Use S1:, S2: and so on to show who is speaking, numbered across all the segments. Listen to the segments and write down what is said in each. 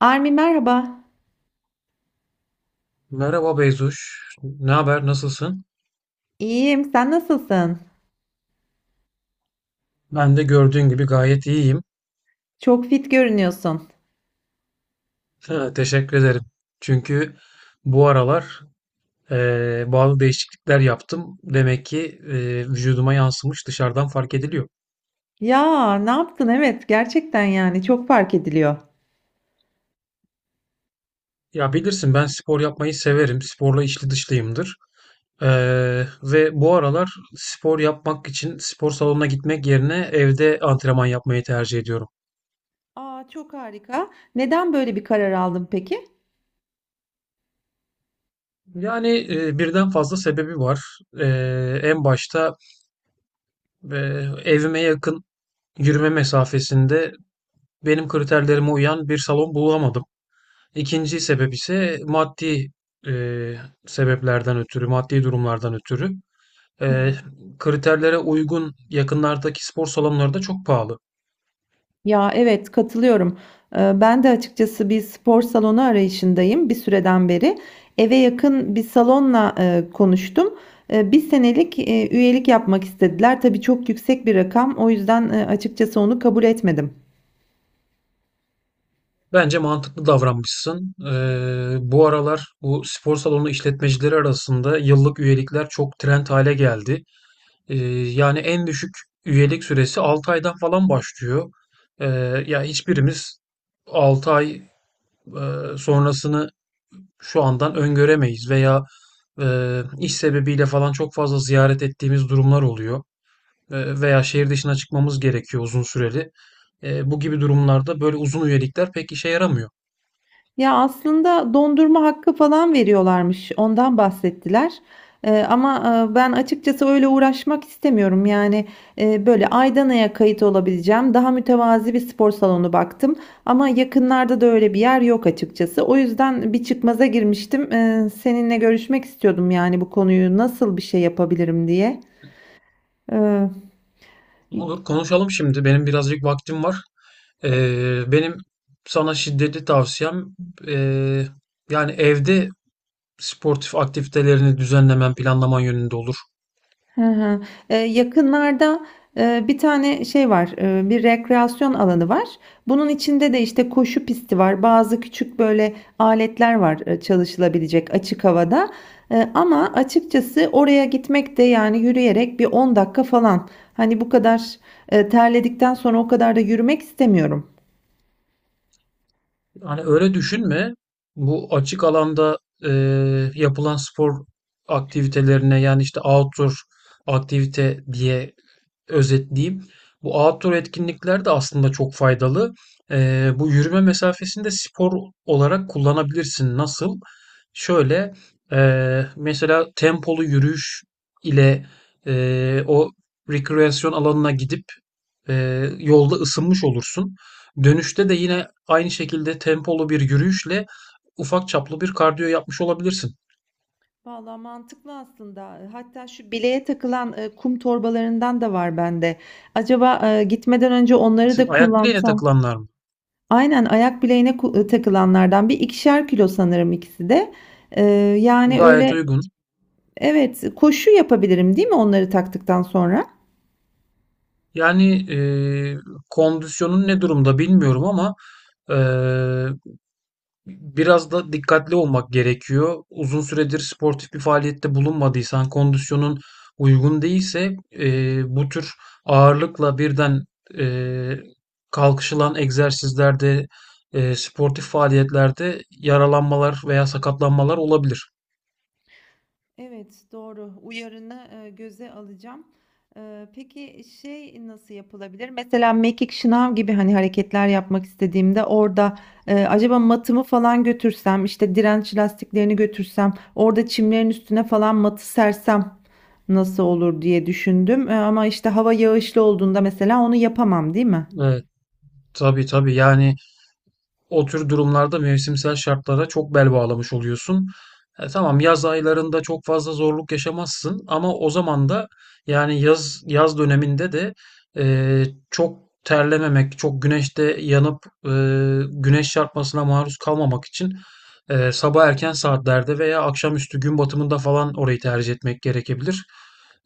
S1: Armi merhaba.
S2: Merhaba Beyzuş. Ne haber? Nasılsın?
S1: İyiyim, sen nasılsın?
S2: Ben de gördüğün gibi gayet iyiyim.
S1: Çok fit görünüyorsun.
S2: Teşekkür ederim. Çünkü bu aralar bazı değişiklikler yaptım. Demek ki vücuduma yansımış, dışarıdan fark ediliyor.
S1: Ya ne yaptın? Evet, gerçekten yani çok fark ediliyor.
S2: Ya bilirsin, ben spor yapmayı severim. Sporla içli dışlıyımdır. Ve bu aralar spor yapmak için spor salonuna gitmek yerine evde antrenman yapmayı tercih ediyorum.
S1: Aa, çok harika. Neden böyle bir karar aldın peki?
S2: Yani birden fazla sebebi var. E, En başta ve evime yakın, yürüme mesafesinde, benim kriterlerime uyan bir salon bulamadım. İkinci sebep ise maddi e, sebeplerden ötürü, maddi durumlardan ötürü.
S1: Hı
S2: E,
S1: hı.
S2: Kriterlere uygun yakınlardaki spor salonları da çok pahalı.
S1: Ya evet katılıyorum. Ben de açıkçası bir spor salonu arayışındayım bir süreden beri. Eve yakın bir salonla konuştum. Bir senelik üyelik yapmak istediler. Tabii çok yüksek bir rakam. O yüzden açıkçası onu kabul etmedim.
S2: Bence mantıklı davranmışsın. Bu aralar bu spor salonu işletmecileri arasında yıllık üyelikler çok trend hale geldi. Ee, Yani en düşük üyelik süresi 6 aydan falan başlıyor. Ee, Ya hiçbirimiz 6 ay sonrasını şu andan öngöremeyiz veya iş sebebiyle falan çok fazla ziyaret ettiğimiz durumlar oluyor. Veya şehir dışına çıkmamız gerekiyor uzun süreli. Bu gibi durumlarda böyle uzun üyelikler pek işe yaramıyor.
S1: Ya aslında dondurma hakkı falan veriyorlarmış. Ondan bahsettiler. Ama ben açıkçası öyle uğraşmak istemiyorum. Yani böyle Aydana'ya kayıt olabileceğim daha mütevazi bir spor salonu baktım. Ama yakınlarda da öyle bir yer yok açıkçası. O yüzden bir çıkmaza girmiştim. Seninle görüşmek istiyordum yani bu konuyu nasıl bir şey yapabilirim diye. Ee,
S2: Olur, konuşalım şimdi. Benim birazcık vaktim var. Benim sana şiddetli tavsiyem, ee, yani evde sportif aktivitelerini düzenlemen, planlaman yönünde olur.
S1: Hı hı. Yakınlarda bir tane şey var, bir rekreasyon alanı var. Bunun içinde de işte koşu pisti var, bazı küçük böyle aletler var çalışılabilecek açık havada. Ama açıkçası oraya gitmek de yani yürüyerek bir 10 dakika falan. Hani bu kadar terledikten sonra o kadar da yürümek istemiyorum.
S2: Hani öyle düşünme. Bu açık alanda e, yapılan spor aktivitelerine, yani işte outdoor aktivite diye özetleyeyim. Bu outdoor etkinlikler de aslında çok faydalı. Bu yürüme mesafesini de spor olarak kullanabilirsin. Nasıl? Şöyle, mesela tempolu yürüyüş ile o rekreasyon alanına gidip yolda ısınmış olursun. Dönüşte de yine aynı şekilde tempolu bir yürüyüşle ufak çaplı bir kardiyo yapmış olabilirsin.
S1: Valla mantıklı aslında. Hatta şu bileğe takılan kum torbalarından da var bende. Acaba gitmeden önce onları
S2: Şu
S1: da
S2: ayak bileğine
S1: kullansam.
S2: takılanlar mı?
S1: Aynen, ayak bileğine takılanlardan. Bir ikişer kilo sanırım ikisi de. Eee, yani
S2: Gayet
S1: öyle.
S2: uygun.
S1: Evet, koşu yapabilirim, değil mi onları taktıktan sonra?
S2: Yani kondisyonun ne durumda bilmiyorum ama eee, biraz da dikkatli olmak gerekiyor. Uzun süredir sportif bir faaliyette bulunmadıysan, kondisyonun uygun değilse bu tür ağırlıkla birden e, kalkışılan egzersizlerde, sportif faaliyetlerde yaralanmalar veya sakatlanmalar olabilir.
S1: Evet, doğru. Uyarını, göze alacağım. Peki şey nasıl yapılabilir? Mesela mekik şınav gibi hani hareketler yapmak istediğimde orada, acaba matımı falan götürsem, işte direnç lastiklerini götürsem, orada çimlerin üstüne falan matı sersem nasıl olur diye düşündüm. Ama işte hava yağışlı olduğunda mesela onu yapamam, değil mi?
S2: Evet, tabii tabii, yani o tür durumlarda mevsimsel şartlara çok bel bağlamış oluyorsun. Tamam, yaz aylarında çok fazla zorluk yaşamazsın ama o zaman da, yani yaz döneminde de e, çok terlememek, çok güneşte yanıp e, güneş çarpmasına maruz kalmamak için sabah erken saatlerde veya akşamüstü gün batımında falan orayı tercih etmek gerekebilir.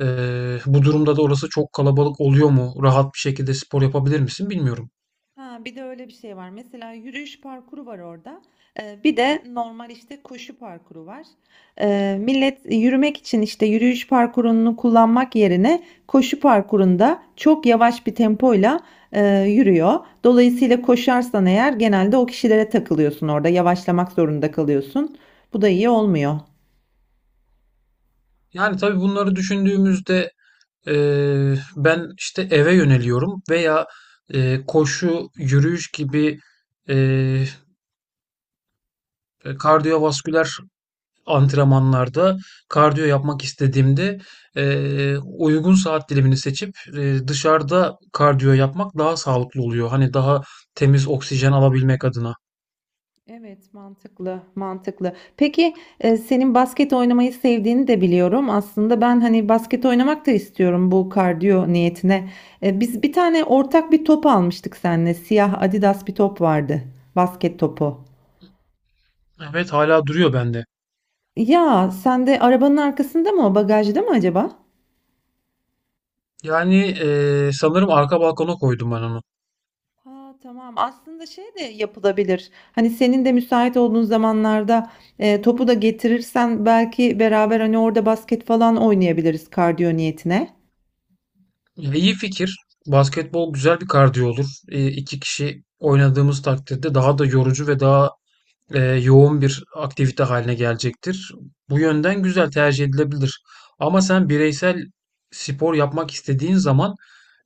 S2: E, Bu durumda da orası çok kalabalık oluyor mu? Rahat bir şekilde spor yapabilir misin? Bilmiyorum.
S1: Ha, bir de öyle bir şey var. Mesela yürüyüş parkuru var orada. Bir de normal işte koşu parkuru var. Millet yürümek için işte yürüyüş parkurunu kullanmak yerine koşu parkurunda çok yavaş bir tempoyla yürüyor. Dolayısıyla koşarsan eğer genelde o kişilere takılıyorsun orada. Yavaşlamak zorunda kalıyorsun. Bu da iyi olmuyor.
S2: Yani tabii bunları düşündüğümüzde ben işte eve yöneliyorum veya koşu, yürüyüş gibi eee kardiyovasküler antrenmanlarda kardiyo yapmak istediğimde uygun saat dilimini seçip dışarıda kardiyo yapmak daha sağlıklı oluyor. Hani daha temiz oksijen alabilmek adına.
S1: Evet, mantıklı, mantıklı. Peki senin basket oynamayı sevdiğini de biliyorum. Aslında ben hani basket oynamak da istiyorum bu kardiyo niyetine. Biz bir tane ortak bir top almıştık seninle. Siyah Adidas bir top vardı. Basket topu.
S2: Evet, hala duruyor bende.
S1: Ya sen de arabanın arkasında mı o bagajda mı acaba?
S2: Yani sanırım arka balkona koydum ben onu.
S1: Ha, tamam. Aslında şey de yapılabilir. Hani senin de müsait olduğun zamanlarda topu da getirirsen belki beraber hani orada basket falan oynayabiliriz kardiyo niyetine.
S2: Ya, iyi fikir. Basketbol güzel bir kardiyo olur. İki kişi oynadığımız takdirde daha da yorucu ve daha yoğun bir aktivite haline gelecektir. Bu yönden güzel, tercih edilebilir. Ama sen bireysel spor yapmak istediğin zaman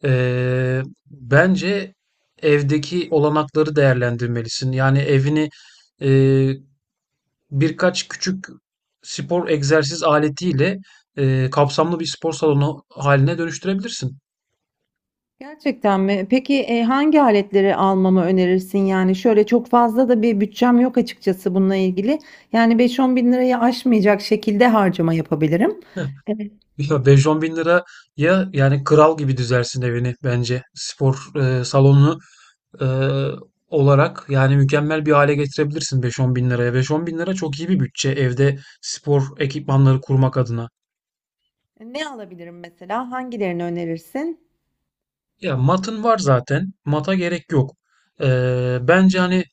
S2: bence evdeki olanakları değerlendirmelisin. Yani evini eee, birkaç küçük spor egzersiz aletiyle kapsamlı bir spor salonu haline dönüştürebilirsin.
S1: Gerçekten mi? Peki hangi aletleri almamı önerirsin? Yani şöyle çok fazla da bir bütçem yok açıkçası bununla ilgili. Yani 5-10 bin lirayı aşmayacak şekilde harcama yapabilirim. Evet.
S2: Ya, 5-10 bin liraya yani kral gibi düzersin evini bence. Spor salonunu eee, olarak yani mükemmel bir hale getirebilirsin 5-10 bin liraya. 5-10 bin lira çok iyi bir bütçe, evde spor ekipmanları kurmak adına.
S1: Ne alabilirim mesela? Hangilerini önerirsin?
S2: Ya matın var zaten. Mata gerek yok. Bence hani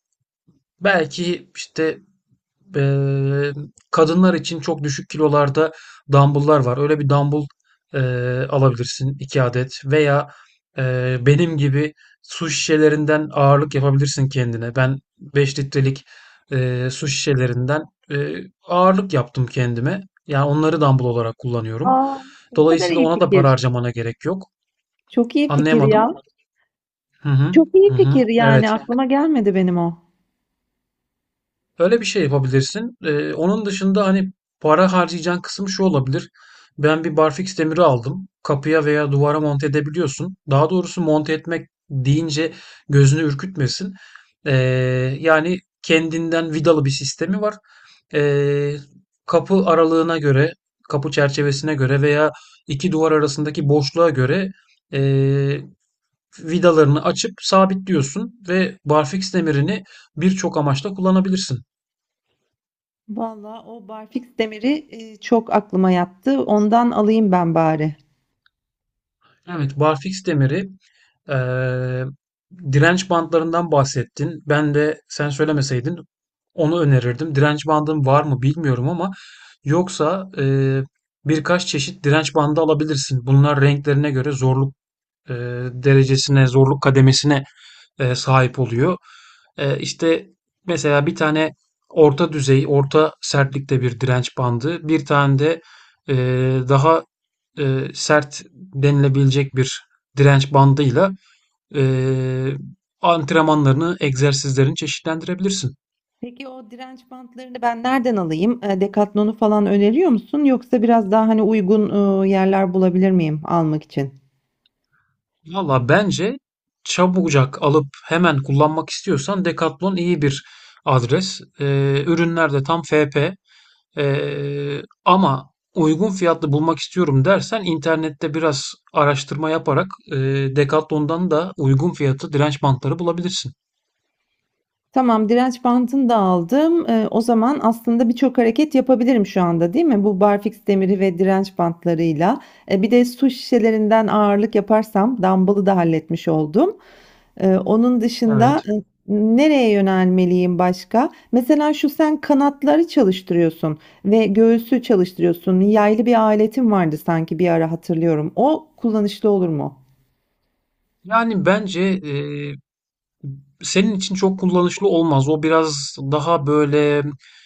S2: belki işte Eee, kadınlar için çok düşük kilolarda dumbbell'lar var. Öyle bir dumbbell alabilirsin 2 adet veya benim gibi su şişelerinden ağırlık yapabilirsin kendine. Ben 5 litrelik su şişelerinden ağırlık yaptım kendime. Yani onları dumbbell olarak kullanıyorum.
S1: Aa, ne kadar
S2: Dolayısıyla
S1: iyi
S2: ona da para
S1: fikir.
S2: harcamana gerek yok.
S1: Çok iyi fikir
S2: Anlayamadım.
S1: ya.
S2: Hı hı.
S1: Çok iyi
S2: Hı
S1: fikir
S2: hı. Evet.
S1: yani aklıma gelmedi benim o.
S2: Öyle bir şey yapabilirsin. Onun dışında hani para harcayacağın kısım şu olabilir. Ben bir barfiks demiri aldım. Kapıya veya duvara monte edebiliyorsun. Daha doğrusu monte etmek deyince gözünü ürkütmesin. Ee, Yani kendinden vidalı bir sistemi var. Ee, Kapı aralığına göre, kapı çerçevesine göre veya iki duvar arasındaki boşluğa göre ee, vidalarını açıp sabitliyorsun ve barfiks demirini birçok amaçla kullanabilirsin.
S1: Vallahi o barfiks demiri çok aklıma yattı. Ondan alayım ben bari.
S2: Evet, barfiks demiri. eee, Direnç bandlarından bahsettin. Ben de sen söylemeseydin onu önerirdim. Direnç bandım var mı bilmiyorum ama yoksa birkaç çeşit direnç bandı alabilirsin. Bunlar renklerine göre zorluk eee, derecesine, zorluk kademesine sahip oluyor. İşte, mesela bir tane orta düzey, orta sertlikte bir direnç bandı, bir tane de daha sert denilebilecek bir direnç bandıyla eee, antrenmanlarını, egzersizlerini çeşitlendirebilirsin.
S1: Peki o direnç bantlarını ben nereden alayım? Decathlon'u falan öneriyor musun? Yoksa biraz daha hani uygun yerler bulabilir miyim almak için?
S2: Valla bence çabucak alıp hemen kullanmak istiyorsan Decathlon iyi bir adres. Ürünler de tam FP. Ama uygun fiyatlı bulmak istiyorum dersen internette biraz araştırma yaparak Decathlon'dan da uygun fiyatlı direnç bantları bulabilirsin.
S1: Tamam, direnç bandını da aldım. O zaman aslında birçok hareket yapabilirim şu anda, değil mi? Bu barfiks demiri ve direnç bantlarıyla. Bir de su şişelerinden ağırlık yaparsam dumbbell'ı da halletmiş oldum. Onun dışında
S2: Evet.
S1: nereye yönelmeliyim başka? Mesela şu sen kanatları çalıştırıyorsun ve göğsü çalıştırıyorsun. Yaylı bir aletin vardı sanki bir ara hatırlıyorum. O kullanışlı olur mu?
S2: Yani bence senin için çok kullanışlı olmaz. O biraz daha böyle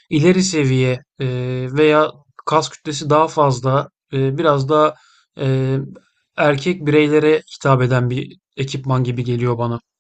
S2: ileri seviye veya kas kütlesi daha fazla, biraz da e, erkek bireylere hitap eden bir ekipman gibi geliyor bana.